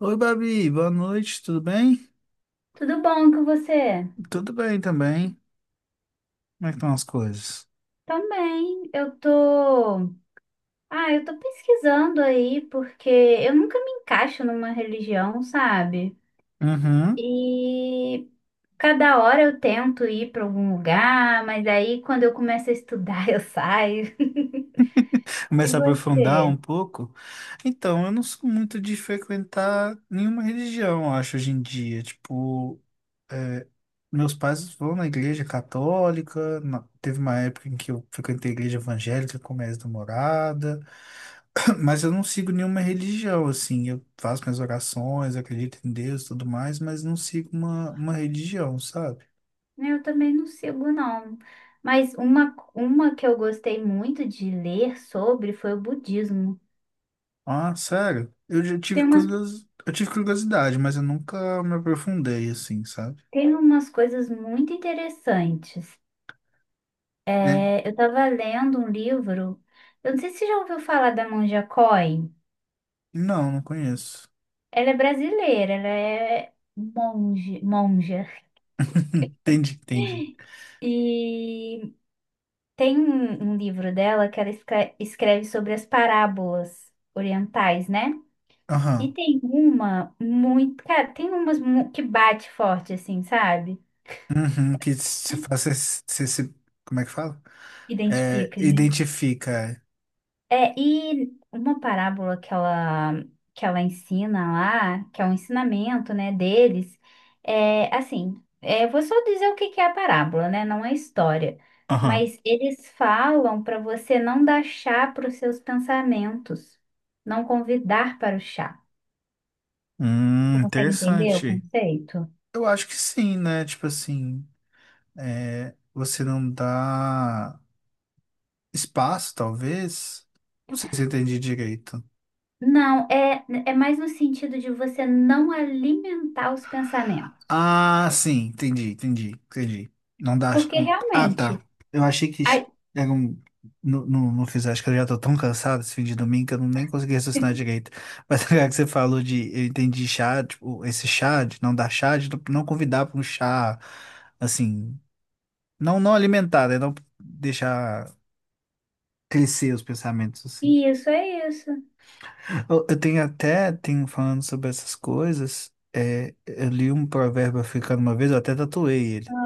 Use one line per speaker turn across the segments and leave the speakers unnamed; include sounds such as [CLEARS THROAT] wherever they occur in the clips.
Oi, Babi, boa noite, tudo bem?
Tudo bom com você?
Tudo bem também. Como é que estão as coisas?
Também, eu tô. Ah, eu tô pesquisando aí porque eu nunca me encaixo numa religião, sabe?
Uhum.
E cada hora eu tento ir para algum lugar, mas aí quando eu começo a estudar [LAUGHS] eu saio. E
Começar a aprofundar um
você?
pouco. Então, eu não sou muito de frequentar nenhuma religião, eu acho, hoje em dia. Tipo, meus pais vão na igreja católica, teve uma época em que eu frequentei a igreja evangélica com minha ex-namorada, [CLEARS THROAT] mas eu não sigo nenhuma religião, assim. Eu faço minhas orações, acredito em Deus e tudo mais, mas não sigo uma religião, sabe?
Eu também não sigo, não. Mas uma que eu gostei muito de ler sobre foi o budismo.
Ah, sério? Eu já tive
Tem umas,
curiosidade, eu tive curiosidade, mas eu nunca me aprofundei assim, sabe?
tem umas coisas muito interessantes.
É,
É, eu estava lendo um livro, eu não sei se você já ouviu falar da Monja Coen.
não, não conheço.
Ela é brasileira, ela é monja.
[LAUGHS] Entendi, entendi.
E tem um livro dela que ela escreve sobre as parábolas orientais, né? E
Aham.
tem uma muito, cara, tem umas que bate forte, assim, sabe?
Uhum, que você faz, você se, como é que fala? É,
Identifica.
identifica. É.
É, e uma parábola que ela ensina lá, que é um ensinamento, né, deles, é assim, é, eu vou só dizer o que que é a parábola, né, não é história,
Aham.
mas eles falam para você não dar chá para os seus pensamentos, não convidar para o chá. Você consegue entender o
Interessante.
conceito?
Eu acho que sim, né? Tipo assim, é, você não dá espaço, talvez. Não sei se eu entendi direito.
Não, é, é mais no sentido de você não alimentar os pensamentos,
Ah, sim, entendi, entendi, entendi. Não dá.
porque
Ah, tá.
realmente,
Eu achei que
a-
era não, não, não fiz, acho que eu já tô tão cansado esse fim de domingo que eu não nem consegui raciocinar
[LAUGHS]
direito. Mas [LAUGHS] agora que você falou de, eu entendi chá, tipo, esse chá, de não dar chá, de não convidar para um chá, assim, não, não alimentar, né? Não deixar crescer os pensamentos, assim.
isso é isso.
Eu tenho até, tenho falando sobre essas coisas, é, eu li um provérbio africano uma vez, eu até tatuei ele.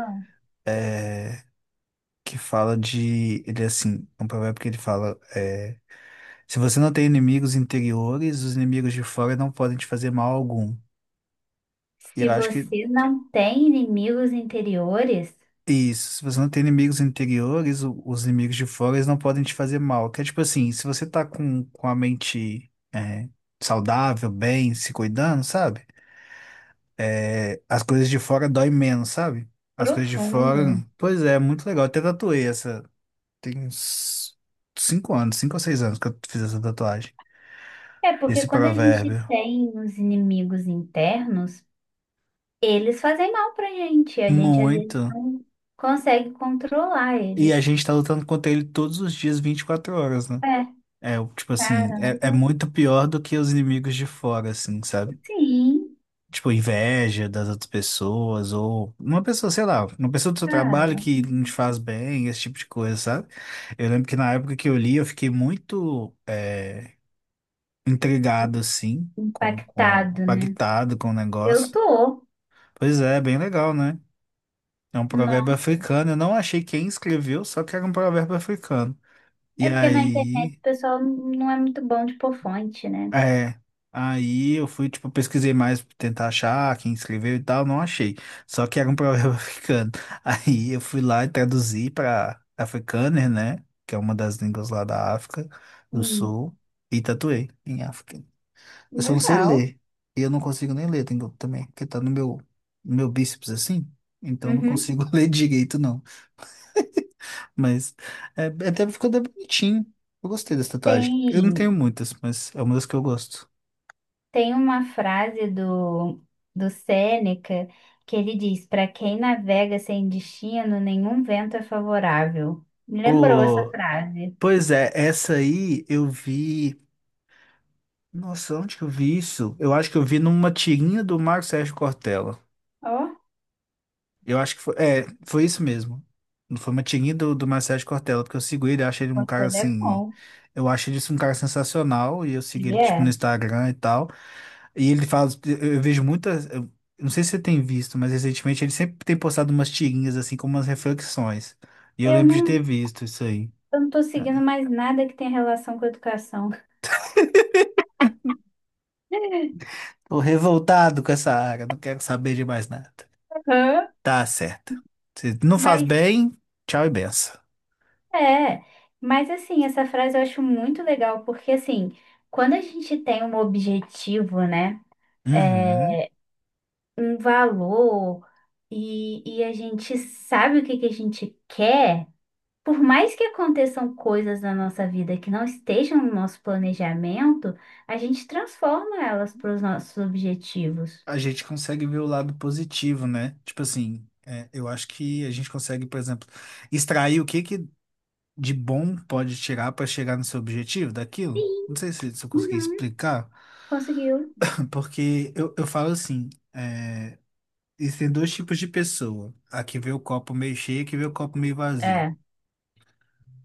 É, que fala de. Ele é assim, é um provérbio que ele fala: é, se você não tem inimigos interiores, os inimigos de fora não podem te fazer mal algum. E
Se
eu acho que
você não tem inimigos interiores,
isso, se você não tem inimigos interiores, os inimigos de fora eles não podem te fazer mal. Que é tipo assim, se você tá com a mente é, saudável, bem, se cuidando, sabe? É, as coisas de fora doem menos, sabe? As coisas de fora.
profundo.
Pois é, muito legal. Eu até tatuei essa. Tem uns 5 anos, 5 ou 6 anos que eu fiz essa tatuagem.
É porque
Esse
quando a gente
provérbio.
tem os inimigos internos, eles fazem mal pra gente. A gente às vezes
Muito.
não consegue controlar
E a
eles.
gente tá lutando contra ele todos os dias, 24 horas, né?
É,
É, tipo assim,
caramba.
é, é muito pior do que os inimigos de fora, assim, sabe?
Sim,
Tipo, inveja das outras pessoas, ou uma pessoa, sei lá, uma pessoa do seu trabalho
cara.
que não te faz bem, esse tipo de coisa, sabe? Eu lembro que na época que eu li, eu fiquei muito intrigado, assim, com,
Impactado, né?
impactado com o
Eu
negócio.
tô.
Pois é, bem legal, né? É um provérbio
Nossa.
africano. Eu não achei quem escreveu, só que era um provérbio africano. E
É porque na internet
aí,
o pessoal não é muito bom de pôr fonte, né?
é, aí eu fui, tipo, pesquisei mais pra tentar achar quem escreveu e tal, não achei. Só que era um provérbio [LAUGHS] africano. Aí eu fui lá e traduzi pra Afrikaner, né? Que é uma das línguas lá da África do
Hum,
Sul. E tatuei em África. Eu só não sei
legal.
ler. E eu não consigo nem ler também, porque tá no meu, no meu bíceps assim. Então eu não
Uhum.
consigo [LAUGHS] ler direito, não. Mas é, até ficou até bonitinho. Eu gostei dessa tatuagem. Eu não
Tem.
tenho muitas, mas é uma das que eu gosto.
Tem uma frase do, do Sêneca que ele diz: para quem navega sem destino, nenhum vento é favorável. Me lembrou essa
Ô,
frase.
pois é, essa aí eu vi. Nossa, onde que eu vi isso? Eu acho que eu vi numa tirinha do Marco Sérgio Cortella.
Ó,
Eu acho que foi, é, foi isso mesmo. Foi uma tirinha do, do Marcelo Cortella, porque eu sigo ele, eu acho ele um
você
cara
é
assim.
bom.
Eu acho ele assim, um cara sensacional, e eu sigo ele
Ele
tipo no
é.
Instagram e tal. E ele fala, eu vejo muitas. Eu não sei se você tem visto, mas recentemente ele sempre tem postado umas tirinhas assim, com umas reflexões. E eu
Eu
lembro de
não,
ter visto isso aí.
eu não tô seguindo
É.
mais nada que tenha relação com educação. [LAUGHS]
Tô revoltado com essa área, não quero saber de mais nada.
Hã?
Tá certo. Se não faz
Mas
bem, tchau e benção.
é. Mas assim, essa frase eu acho muito legal, porque assim, quando a gente tem um objetivo, né? É,
Uhum.
um e a gente sabe o que que a gente quer, por mais que aconteçam coisas na nossa vida que não estejam no nosso planejamento, a gente transforma elas para os nossos objetivos.
A gente consegue ver o lado positivo, né? Tipo assim, é, eu acho que a gente consegue, por exemplo, extrair o que que de bom pode tirar para chegar no seu objetivo daquilo. Não sei se, se eu consegui
Uhum,
explicar,
conseguiu.
[LAUGHS] porque eu falo assim, é, existem dois tipos de pessoa, a que vê o copo meio cheio e a que vê o copo meio vazio.
É.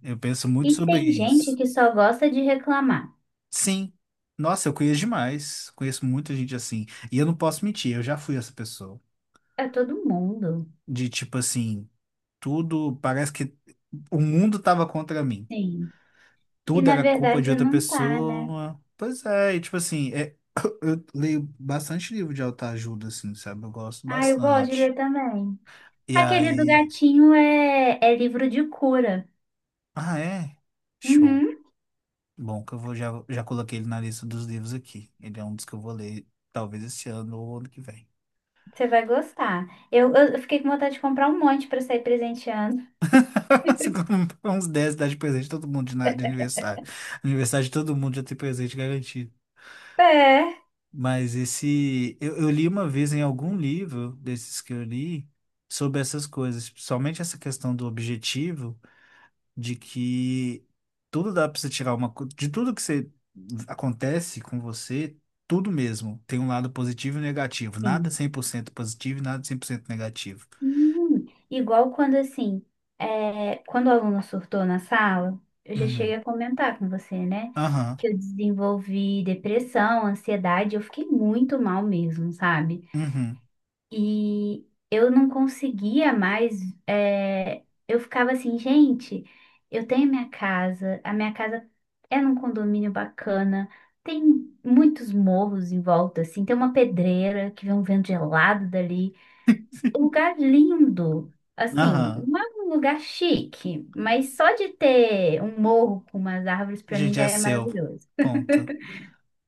Eu penso muito
E
sobre
tem gente
isso.
que só gosta de reclamar.
Sim. Nossa, eu conheço demais. Conheço muita gente assim. E eu não posso mentir, eu já fui essa pessoa.
É todo mundo.
De tipo assim. Tudo, parece que o mundo tava contra mim.
Sim. E
Tudo
na
era culpa de
verdade
outra
não tá, né?
pessoa. Pois é, e tipo assim, é, eu leio bastante livro de autoajuda, assim, sabe? Eu gosto
Ah, eu gosto de
bastante.
ler também.
E
Aquele do
aí.
gatinho é livro de cura.
Ah, é? Show.
Uhum.
Bom, que eu vou, já, já coloquei ele na lista dos livros aqui. Ele é um dos que eu vou ler, talvez esse ano ou ano que vem.
Você vai gostar. Eu fiquei com vontade de comprar um monte para sair presenteando.
[LAUGHS] Se comprar uns 10 dá de presente todo mundo de aniversário. Aniversário de todo mundo já tem presente garantido.
É.
Mas esse. Eu li uma vez em algum livro desses que eu li sobre essas coisas, principalmente essa questão do objetivo, de que tudo dá para você tirar De tudo que você acontece com você, tudo mesmo. Tem um lado positivo e negativo. Nada
Sim.
100% positivo e nada 100% negativo.
Igual quando assim, é, quando o aluno surtou na sala, eu já
Uhum.
cheguei a comentar com você, né?
Aham.
Que eu desenvolvi depressão, ansiedade, eu fiquei muito mal mesmo, sabe?
Uhum.
E eu não conseguia mais. É, eu ficava assim, gente, eu tenho minha casa, a minha casa é num condomínio bacana, tem muitos morros em volta, assim, tem uma pedreira que vem um vento gelado dali. Um lugar lindo, assim,
Aham.
não é um lugar chique, mas só de ter um morro com umas árvores, para mim
Gente,
já
é
é
seu.
maravilhoso.
Ponto.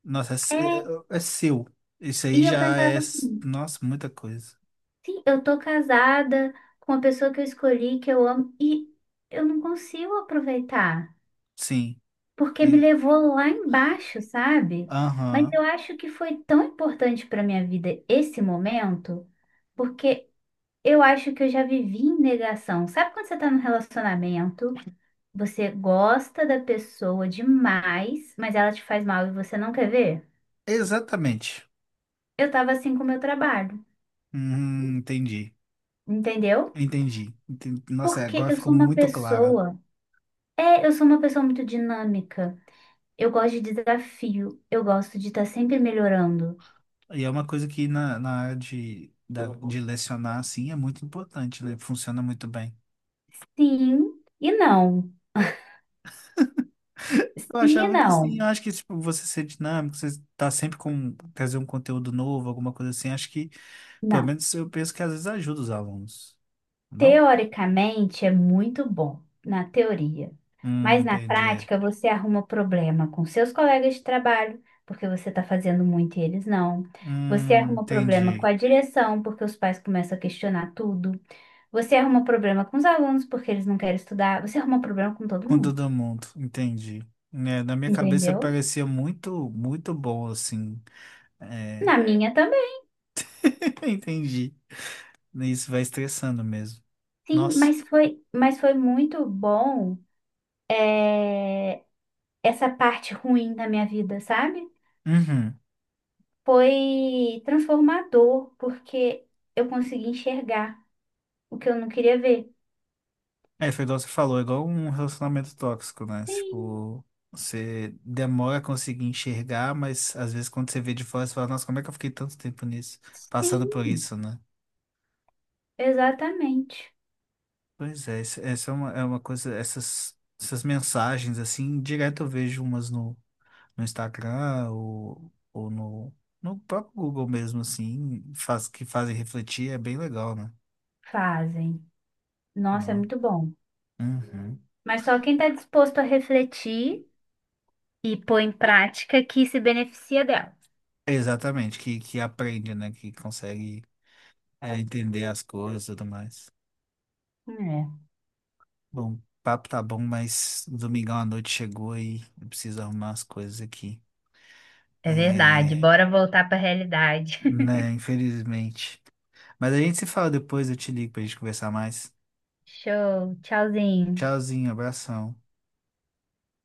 Nossa, é,
É,
é é seu. Isso aí
e eu
já é.
pensava assim.
Nossa, muita coisa.
Sim, eu tô casada com a pessoa que eu escolhi, que eu amo, e eu não consigo aproveitar,
Sim.
porque me levou lá embaixo, sabe? Mas eu
Aham.
acho que foi tão importante para minha vida esse momento, porque eu acho que eu já vivi em negação. Sabe quando você tá num relacionamento, você gosta da pessoa demais, mas ela te faz mal e você não quer ver?
Exatamente.
Eu tava assim com o meu trabalho,
Entendi.
entendeu?
Entendi. Nossa, é,
Porque
agora
eu
ficou
sou uma
muito claro.
pessoa. É, eu sou uma pessoa muito dinâmica. Eu gosto de desafio. Eu gosto de estar sempre melhorando.
E é uma coisa que na, de lecionar, assim, é muito importante, né? Funciona muito bem.
Sim e não.
Eu
Sim e
achava que sim, eu
não.
acho que tipo, você ser dinâmico, você tá sempre com trazer um conteúdo novo, alguma coisa assim, acho que, pelo
Não.
menos eu penso que às vezes ajuda os alunos, não?
Teoricamente é muito bom, na teoria. Mas na
Entendi.
prática você arruma problema com seus colegas de trabalho, porque você está fazendo muito e eles não. Você arruma problema com
Entendi.
a direção, porque os pais começam a questionar tudo. Você arruma problema com os alunos, porque eles não querem estudar. Você arruma problema com todo
Com
mundo.
todo mundo, entendi. Né, na minha cabeça
Entendeu?
parecia muito, muito bom, assim. É,
Na minha também,
[LAUGHS] entendi. Isso vai estressando mesmo.
sim,
Nossa.
mas foi muito bom é, essa parte ruim da minha vida, sabe?
Uhum.
Foi transformador, porque eu consegui enxergar o que eu não queria ver.
É, foi igual você falou, é igual um relacionamento tóxico, né?
Sim,
Tipo, você demora a conseguir enxergar, mas às vezes quando você vê de fora, você fala, nossa, como é que eu fiquei tanto tempo nisso, passando por
sim,
isso, né?
exatamente.
Pois é, essa é uma coisa, essas, essas mensagens, assim, direto eu vejo umas no Instagram ou no próprio Google mesmo, assim, faz, que fazem refletir, é bem legal, né?
Fazem. Nossa, é
Não.
muito bom.
Uhum.
Mas só quem está disposto a refletir e pôr em prática que se beneficia dela.
Exatamente, que aprende, né? Que consegue é, entender as coisas e tudo mais. Bom, o papo tá bom, mas domingão à noite chegou e eu preciso arrumar as coisas aqui.
É, é verdade.
É,
Bora voltar para a realidade. [LAUGHS]
né, infelizmente. Mas a gente se fala depois, eu te ligo pra gente conversar mais.
Show, tchauzinho.
Tchauzinho, abração.